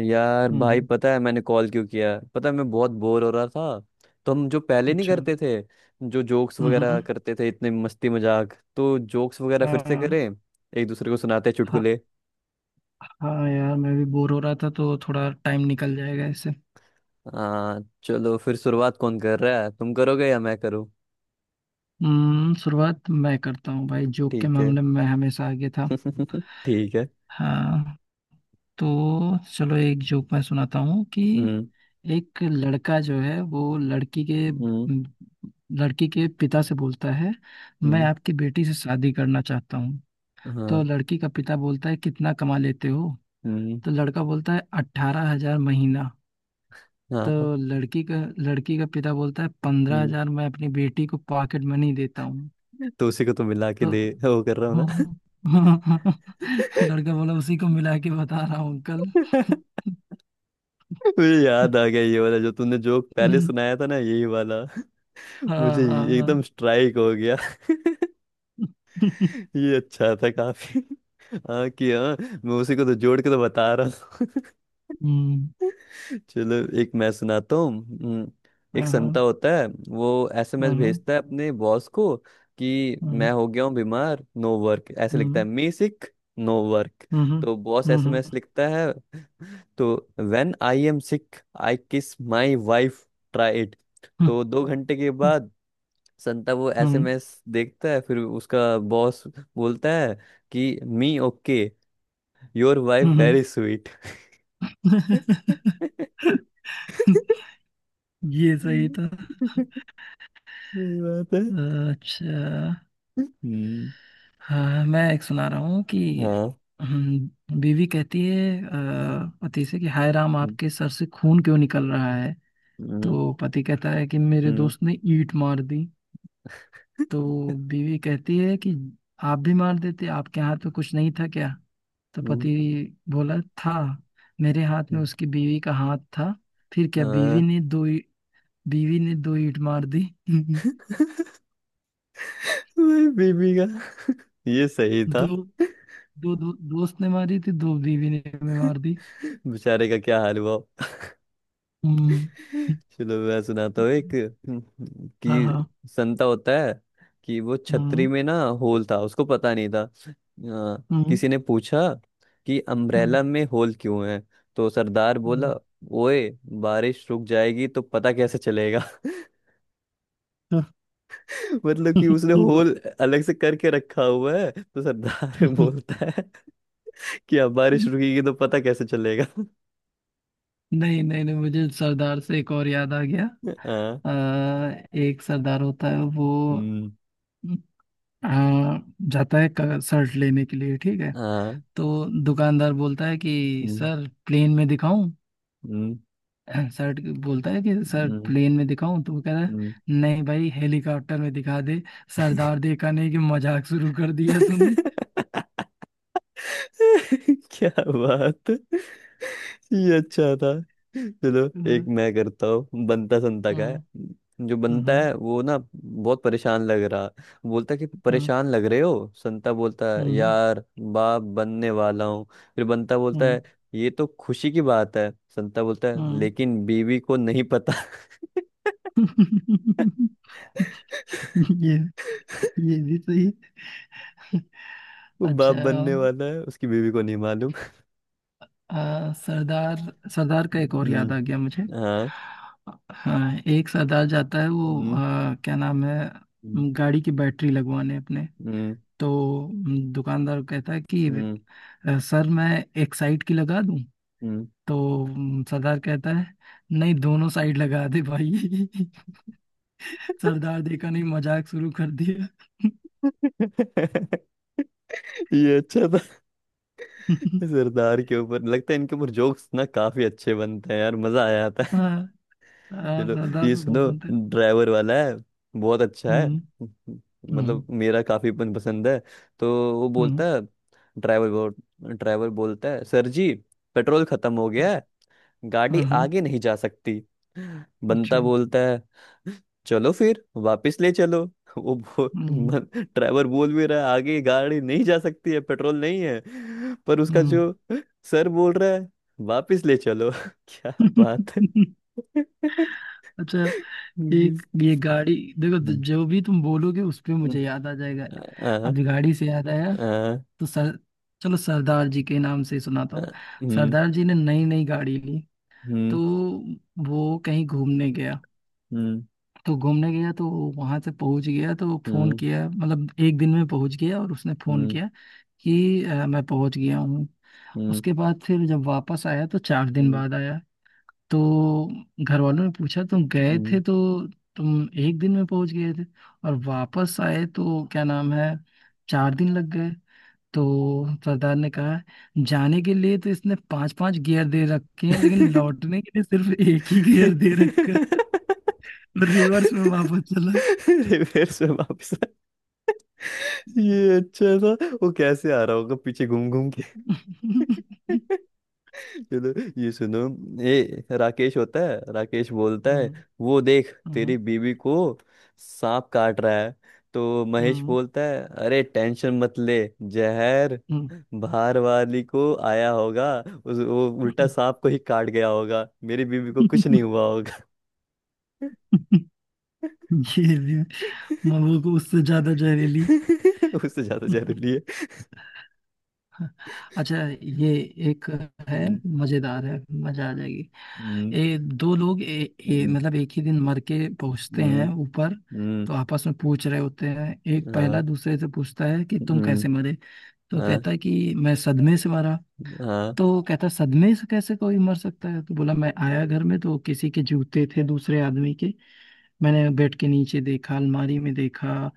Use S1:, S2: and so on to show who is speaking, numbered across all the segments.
S1: यार भाई,
S2: हम्म।
S1: पता है मैंने कॉल क्यों किया? पता है, मैं बहुत बोर हो रहा था। तो हम जो पहले नहीं
S2: अच्छा।
S1: करते थे, जो जोक्स वगैरह
S2: हम्म।
S1: करते थे, इतने मस्ती मजाक, तो जोक्स वगैरह फिर से करें।
S2: हाँ।
S1: एक दूसरे को सुनाते हैं
S2: हाँ।
S1: चुटकुले।
S2: हाँ यार, मैं भी बोर हो रहा था तो थोड़ा टाइम निकल जाएगा इससे।
S1: हाँ, चलो फिर। शुरुआत कौन कर रहा है? तुम करोगे या मैं करूँ?
S2: शुरुआत मैं करता हूँ भाई, जोक के
S1: ठीक है।
S2: मामले में मैं हमेशा आगे था।
S1: ठीक है।
S2: हाँ, तो चलो, एक जोक मैं सुनाता हूँ कि
S1: हम्म।
S2: एक लड़का जो है वो लड़की के
S1: हम्म।
S2: लड़की के पिता से बोलता है, मैं
S1: हम्म।
S2: आपकी बेटी से शादी करना चाहता हूँ। तो
S1: हाँ।
S2: लड़की का पिता बोलता है, कितना कमा लेते हो?
S1: हम्म।
S2: तो लड़का बोलता है, 18,000 महीना।
S1: हाँ।
S2: तो
S1: हाँ।
S2: लड़की का पिता बोलता है, पंद्रह
S1: हम्म।
S2: हजार मैं अपनी बेटी को पॉकेट मनी देता हूँ।
S1: तो उसी को तो मिला के
S2: तो
S1: दे, वो कर रहा हूँ।
S2: लड़का बोला, उसी को मिला के बता रहा हूँ अंकल।
S1: ना। मुझे याद आ गया, ये वाला जो तूने जोक पहले सुनाया था ना, यही वाला।
S2: हाँ,
S1: मुझे
S2: हाँ,
S1: ये
S2: हाँ।
S1: एकदम स्ट्राइक हो गया। ये अच्छा था काफी। हाँ कि हाँ, मैं उसी को तो जोड़ के तो बता रहा हूँ।
S2: हम्म,
S1: चलो, एक मैं सुनाता हूँ। हम्म। एक
S2: हाँ, हाँ,
S1: संता होता है, वो एसएमएस
S2: हाँ, हाँ,
S1: भेजता है अपने बॉस को कि
S2: हाँ।
S1: मैं हो गया हूँ बीमार, नो वर्क। ऐसे लिखता है,
S2: hmm,
S1: me sick, no work.
S2: Hmm, hmm,
S1: तो बॉस एसएमएस लिखता है तो, when I am sick I kiss my wife, try it.
S2: Hmm,
S1: तो दो घंटे के बाद संता वो
S2: हम्म,
S1: एसएमएस देखता है, फिर उसका बॉस बोलता है कि me okay, your wife
S2: hmm.
S1: Very sweet.
S2: ये सही था।
S1: सही बात है।
S2: अच्छा।
S1: हम्म।
S2: हाँ, मैं एक सुना रहा हूँ कि
S1: हाँ।
S2: बीवी कहती है पति से कि हाय राम,
S1: हम्म।
S2: आपके सर से खून क्यों निकल रहा है?
S1: हम्म।
S2: तो पति कहता है कि मेरे
S1: हम्म।
S2: दोस्त ने ईंट मार दी। तो बीवी कहती है कि आप भी मार देते, आपके हाथ में कुछ नहीं था क्या? तो
S1: हम्म।
S2: पति बोला था, मेरे हाथ में
S1: हम्म।
S2: उसकी बीवी का हाथ था। फिर क्या,
S1: हाँ।
S2: बीवी ने दो ईंट मार दी।
S1: वही बीबी का। ये सही
S2: दो
S1: था।
S2: दो दो दोस्त ने मारी थी, दो बीवी ने भी मार दी।
S1: बेचारे का क्या हाल हुआ।
S2: हम्म।
S1: चलो, मैं सुनाता हूँ एक,
S2: Aham.
S1: कि संता होता है, कि वो छतरी
S2: हम्म,
S1: में ना होल था, उसको पता नहीं था।
S2: हम्म,
S1: किसी ने पूछा कि
S2: हम्म,
S1: अम्ब्रेला में होल क्यों है। तो सरदार
S2: हम्म।
S1: बोला, ओए, बारिश रुक जाएगी तो पता कैसे चलेगा?
S2: तो
S1: मतलब कि उसने
S2: ये वो-
S1: होल अलग से करके रखा हुआ है, तो सरदार बोलता है कि अब बारिश रुकेगी तो पता कैसे चलेगा?
S2: नहीं, नहीं, नहीं, मुझे सरदार से एक और याद आ गया।
S1: हाँ।
S2: अ, एक सरदार होता है, वो
S1: हम्म।
S2: अ, जाता है शर्ट लेने के लिए, ठीक है।
S1: हाँ।
S2: तो दुकानदार बोलता है कि
S1: हम्म।
S2: सर, प्लेन में दिखाऊं?
S1: हम्म।
S2: शर्ट बोलता है कि सर,
S1: हम्म।
S2: प्लेन में दिखाऊं, तो वो कह रहा है,
S1: हम्म।
S2: नहीं भाई, हेलीकॉप्टर में दिखा दे। सरदार देखा नहीं कि मजाक शुरू कर दिया तूने।
S1: क्या बात। ये अच्छा था। चलो, एक
S2: हम्म,
S1: मैं करता हूँ, बनता संता का है।
S2: हम्म,
S1: जो बनता है वो ना बहुत परेशान लग रहा। बोलता कि
S2: हम्म,
S1: परेशान लग रहे हो? संता बोलता है,
S2: हम्म,
S1: यार, बाप बनने वाला हूँ। फिर बनता बोलता
S2: हम्म,
S1: है, ये तो खुशी की बात है। संता बोलता है,
S2: हम्म।
S1: लेकिन बीवी को नहीं पता।
S2: ये ये भी सही है।
S1: वो बाप
S2: अच्छा।
S1: बनने वाला है, उसकी बीवी को नहीं मालूम।
S2: सरदार सरदार का एक और याद
S1: हम्म।
S2: आ गया मुझे।
S1: हाँ।
S2: हाँ, एक सरदार जाता है, वो
S1: हम्म।
S2: क्या नाम है,
S1: हम्म।
S2: गाड़ी की बैटरी लगवाने अपने।
S1: हम्म।
S2: तो दुकानदार कहता है कि
S1: हम्म।
S2: सर, मैं एक साइड की लगा दूं?"
S1: हम्म।
S2: तो सरदार कहता है, नहीं दोनों साइड लगा दे भाई। सरदार देखा नहीं, मजाक शुरू कर दिया।
S1: ये अच्छा था। सरदार के ऊपर, लगता है इनके ऊपर जोक्स ना काफी अच्छे बनते हैं यार, मजा आ जाता है।
S2: हाँ, हाँ,
S1: चलो,
S2: सरदार
S1: ये
S2: भी बहुत
S1: सुनो।
S2: बनते हैं।
S1: ड्राइवर वाला है, बहुत अच्छा है।
S2: हम्म, हम्म,
S1: मतलब मेरा काफी पसंद है। तो वो
S2: हम्म।
S1: बोलता है, ड्राइवर ड्राइवर बोलता है, सर जी, पेट्रोल खत्म हो गया, गाड़ी
S2: हाँ, हाँ।
S1: आगे नहीं जा सकती।
S2: अच्छा।
S1: बंता बोलता है, चलो फिर वापस ले चलो। वो बो,
S2: हम्म,
S1: मन- ड्राइवर बोल भी रहा है, आगे गाड़ी नहीं जा सकती है, पेट्रोल नहीं है। पर उसका
S2: हम्म।
S1: जो सर बोल रहा है, वापस ले चलो। क्या बात है।
S2: अच्छा,
S1: हम्म।
S2: एक ये गाड़ी, देखो जो भी तुम बोलोगे उस पे मुझे याद आ जाएगा।
S1: आ, आ,
S2: अभी गाड़ी से याद आया,
S1: आ,
S2: तो सर, चलो सरदार जी के नाम से सुनाता हूँ।
S1: हम्म।
S2: सरदार जी ने नई नई गाड़ी ली।
S1: हम्म।
S2: तो वो कहीं घूमने गया।
S1: हम्म।
S2: तो घूमने गया तो वहां से पहुंच गया तो फोन
S1: हम्म।
S2: किया, मतलब एक दिन में पहुंच गया, और उसने फोन
S1: हम्म।
S2: किया कि मैं पहुंच गया हूँ।
S1: हम्म।
S2: उसके बाद फिर जब वापस आया तो चार दिन बाद आया। तो घर वालों ने पूछा, तुम गए
S1: हम्म।
S2: थे तो तुम एक दिन में पहुंच गए थे, और वापस आए तो क्या नाम है, चार दिन लग गए। तो सरदार ने कहा, जाने के लिए तो इसने पांच पांच गियर दे रखे हैं, लेकिन लौटने के लिए सिर्फ एक ही गियर दे रखा
S1: हम्म।
S2: है। रिवर्स में वापस चला।
S1: रिवर्स में वापस आ- ये अच्छा था। वो कैसे आ रहा होगा पीछे घूम घूम के।
S2: हम्म,
S1: चलो, ये सुनो। ये राकेश होता है। राकेश बोलता है, वो देख,
S2: हम्म,
S1: तेरी बीवी को सांप काट रहा है। तो महेश
S2: हम्म,
S1: बोलता है, अरे टेंशन मत ले, जहर
S2: हम्म।
S1: बाहर वाली को आया होगा। उस वो उल्टा सांप को ही काट गया होगा, मेरी बीवी को कुछ नहीं हुआ होगा।
S2: ये भी, मऊ को उससे ज्यादा जहरीली।
S1: उससे ज्यादा जहरीली है।
S2: अच्छा, ये एक है,
S1: हम्म।
S2: मजेदार है, मजा आ जाएगी।
S1: हम्म।
S2: दो लोग, ए, ए,
S1: हम्म।
S2: मतलब एक ही दिन मर के पहुंचते हैं
S1: हम्म।
S2: ऊपर। तो आपस में पूछ रहे होते हैं, एक पहला दूसरे से पूछता है कि तुम कैसे मरे? तो कहता है कि मैं सदमे से मरा। तो वो कहता, सदमे से कैसे कोई मर सकता है? तो बोला, मैं आया घर में तो किसी के जूते थे दूसरे आदमी के। मैंने बेड के नीचे देखा, अलमारी में देखा,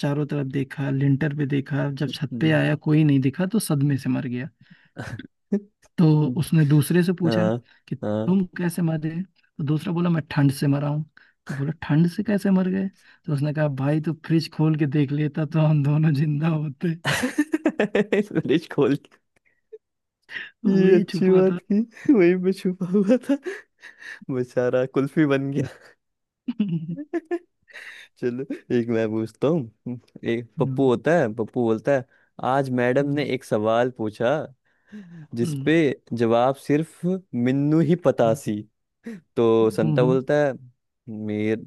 S2: चारों तरफ देखा, लिंटर पे देखा। जब छत पे
S1: 嗯嗯嗯嗯嗯嗯嗯嗯，फ्रिज।
S2: आया कोई नहीं दिखा तो सदमे से मर गया। तो उसने दूसरे से पूछा कि तुम कैसे मरे? तो दूसरा बोला, मैं ठंड से मरा हूँ। तो बोला, ठंड से कैसे मर गए? तो उसने कहा, भाई तू फ्रिज खोल के देख लेता तो हम दोनों जिंदा होते।
S1: खोल के,
S2: तो
S1: ये
S2: वही
S1: अच्छी
S2: छुपा
S1: बात
S2: था।
S1: की वहीं पे छुपा हुआ था। बेचारा कुल्फी बन गया।
S2: हम्म,
S1: चलो, एक मैं पूछता हूँ। एक पप्पू
S2: हम्म,
S1: होता है। पप्पू बोलता है, आज मैडम ने एक सवाल पूछा
S2: हम्म,
S1: जिसपे जवाब सिर्फ मिन्नू ही पता
S2: हम्म,
S1: सी। तो
S2: हम्म,
S1: संता
S2: हम्म।
S1: बोलता है, मेर,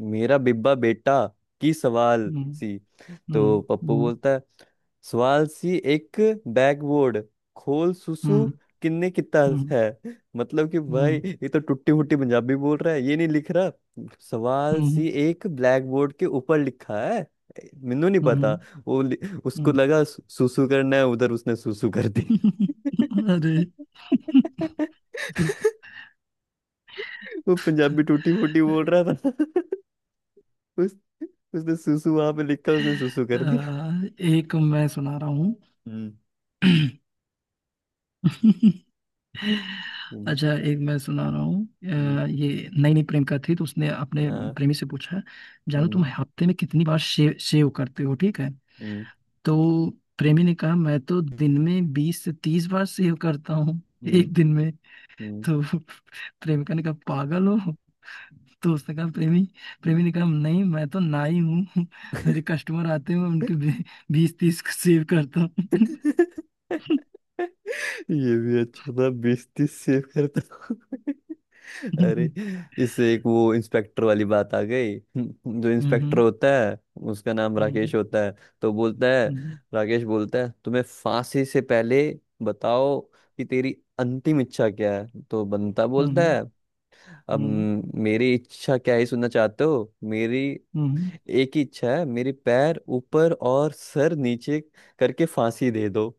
S1: मेरा बिब्बा बेटा, की सवाल सी? तो पप्पू बोलता है, सवाल सी एक बैकबोर्ड खोल सुसु किन्ने कितना
S2: うんうんうんうんうんうんうんうんうん
S1: है। मतलब कि भाई, ये तो टुट्टी मुट्टी पंजाबी बोल रहा है, ये नहीं लिख रहा। सवाल सी एक ब्लैक बोर्ड के ऊपर लिखा है, ਮੈਨੂੰ नहीं पता। वो लि- उसको लगा सुसु करना है, उधर उसने सुसु कर दी।
S2: अरे,
S1: वो पंजाबी टूटी फूटी बोल रहा था। उस, उसने सुसु वहां पे लिखा, उसने सुसु
S2: आ,
S1: कर दिया।
S2: एक मैं सुना रहा हूँ।
S1: हम्म। हम्म।
S2: अच्छा, एक मैं सुना रहा हूँ।
S1: हम्म।
S2: ये नई नई प्रेमिका थी, तो उसने अपने
S1: आ,
S2: प्रेमी से पूछा, जानो तुम
S1: हम्म।
S2: हफ्ते में कितनी बार शेव शेव करते हो, ठीक है।
S1: हम्म।
S2: तो प्रेमी ने कहा, मैं तो दिन में 20 से 30 बार शेव करता हूँ,
S1: हम्म।
S2: एक दिन में।
S1: हम्म।
S2: तो प्रेमिका ने कहा, पागल हो? तो उसने कहा, प्रेमी प्रेमी ने कहा, नहीं मैं तो नाई हूँ। मेरे कस्टमर आते हैं, मैं उनके 20-30 को सेव करता हूँ।
S1: ये भी अच्छा था, 20-30 सेव करता हूँ। अरे,
S2: हम्म,
S1: इससे एक वो इंस्पेक्टर वाली बात आ गई, जो इंस्पेक्टर
S2: हम्म,
S1: होता है, उसका नाम
S2: हम्म,
S1: राकेश होता है। तो बोलता है
S2: हम्म,
S1: राकेश बोलता है, तुम्हें फांसी से पहले बताओ कि तेरी अंतिम इच्छा क्या है? तो बंता बोलता
S2: हम्म,
S1: है, अब
S2: हम्म,
S1: मेरी इच्छा क्या ही सुनना चाहते हो? मेरी
S2: हम्म,
S1: एक ही इच्छा है, मेरे पैर ऊपर और सर नीचे करके फांसी दे दो।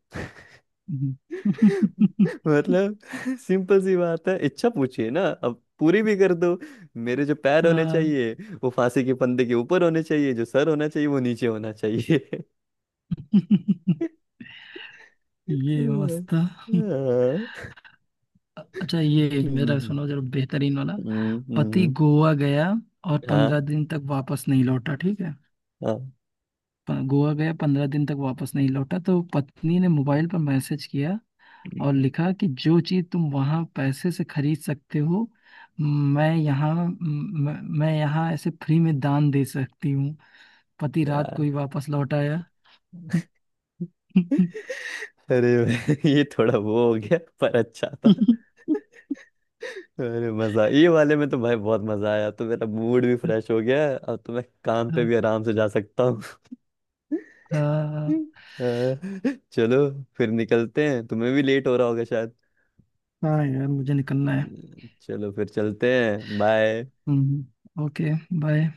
S2: हम्म।
S1: मतलब, सिंपल सी बात है, इच्छा पूछिए ना, अब पूरी भी कर दो। मेरे जो पैर होने
S2: हाँ,
S1: चाहिए वो फांसी के फंदे के ऊपर होने चाहिए, जो सर होना चाहिए वो नीचे होना चाहिए।
S2: ये
S1: हम्म।
S2: मस्त था।
S1: हाँ।
S2: अच्छा, ये मेरा
S1: हम्म।
S2: सुनो जरा बेहतरीन वाला।
S1: हम्म।
S2: पति
S1: हम्म।
S2: गोवा गया और
S1: हाँ।
S2: 15 दिन तक वापस नहीं लौटा, ठीक है।
S1: हाँ।
S2: गोवा गया, 15 दिन तक वापस नहीं लौटा, तो पत्नी ने मोबाइल पर मैसेज किया और लिखा कि जो चीज़ तुम वहाँ पैसे से खरीद सकते हो, मैं यहाँ म- मैं यहाँ ऐसे फ्री में दान दे सकती हूँ। पति
S1: क्या!
S2: रात को ही वापस लौट आया।
S1: अरे। ये थोड़ा वो हो गया पर अच्छा था। अरे मजा, ये वाले में तो भाई बहुत मजा आया, तो मेरा मूड भी फ्रेश हो गया है, अब तो मैं काम पे
S2: हाँ,
S1: भी आराम से जा सकता हूँ।
S2: हाँ,
S1: अ, चलो, फिर निकलते हैं, तुम्हें भी लेट हो रहा होगा शायद।
S2: यार मुझे निकलना है।
S1: चलो फिर चलते हैं, बाय।
S2: Hmm, okay. बाय।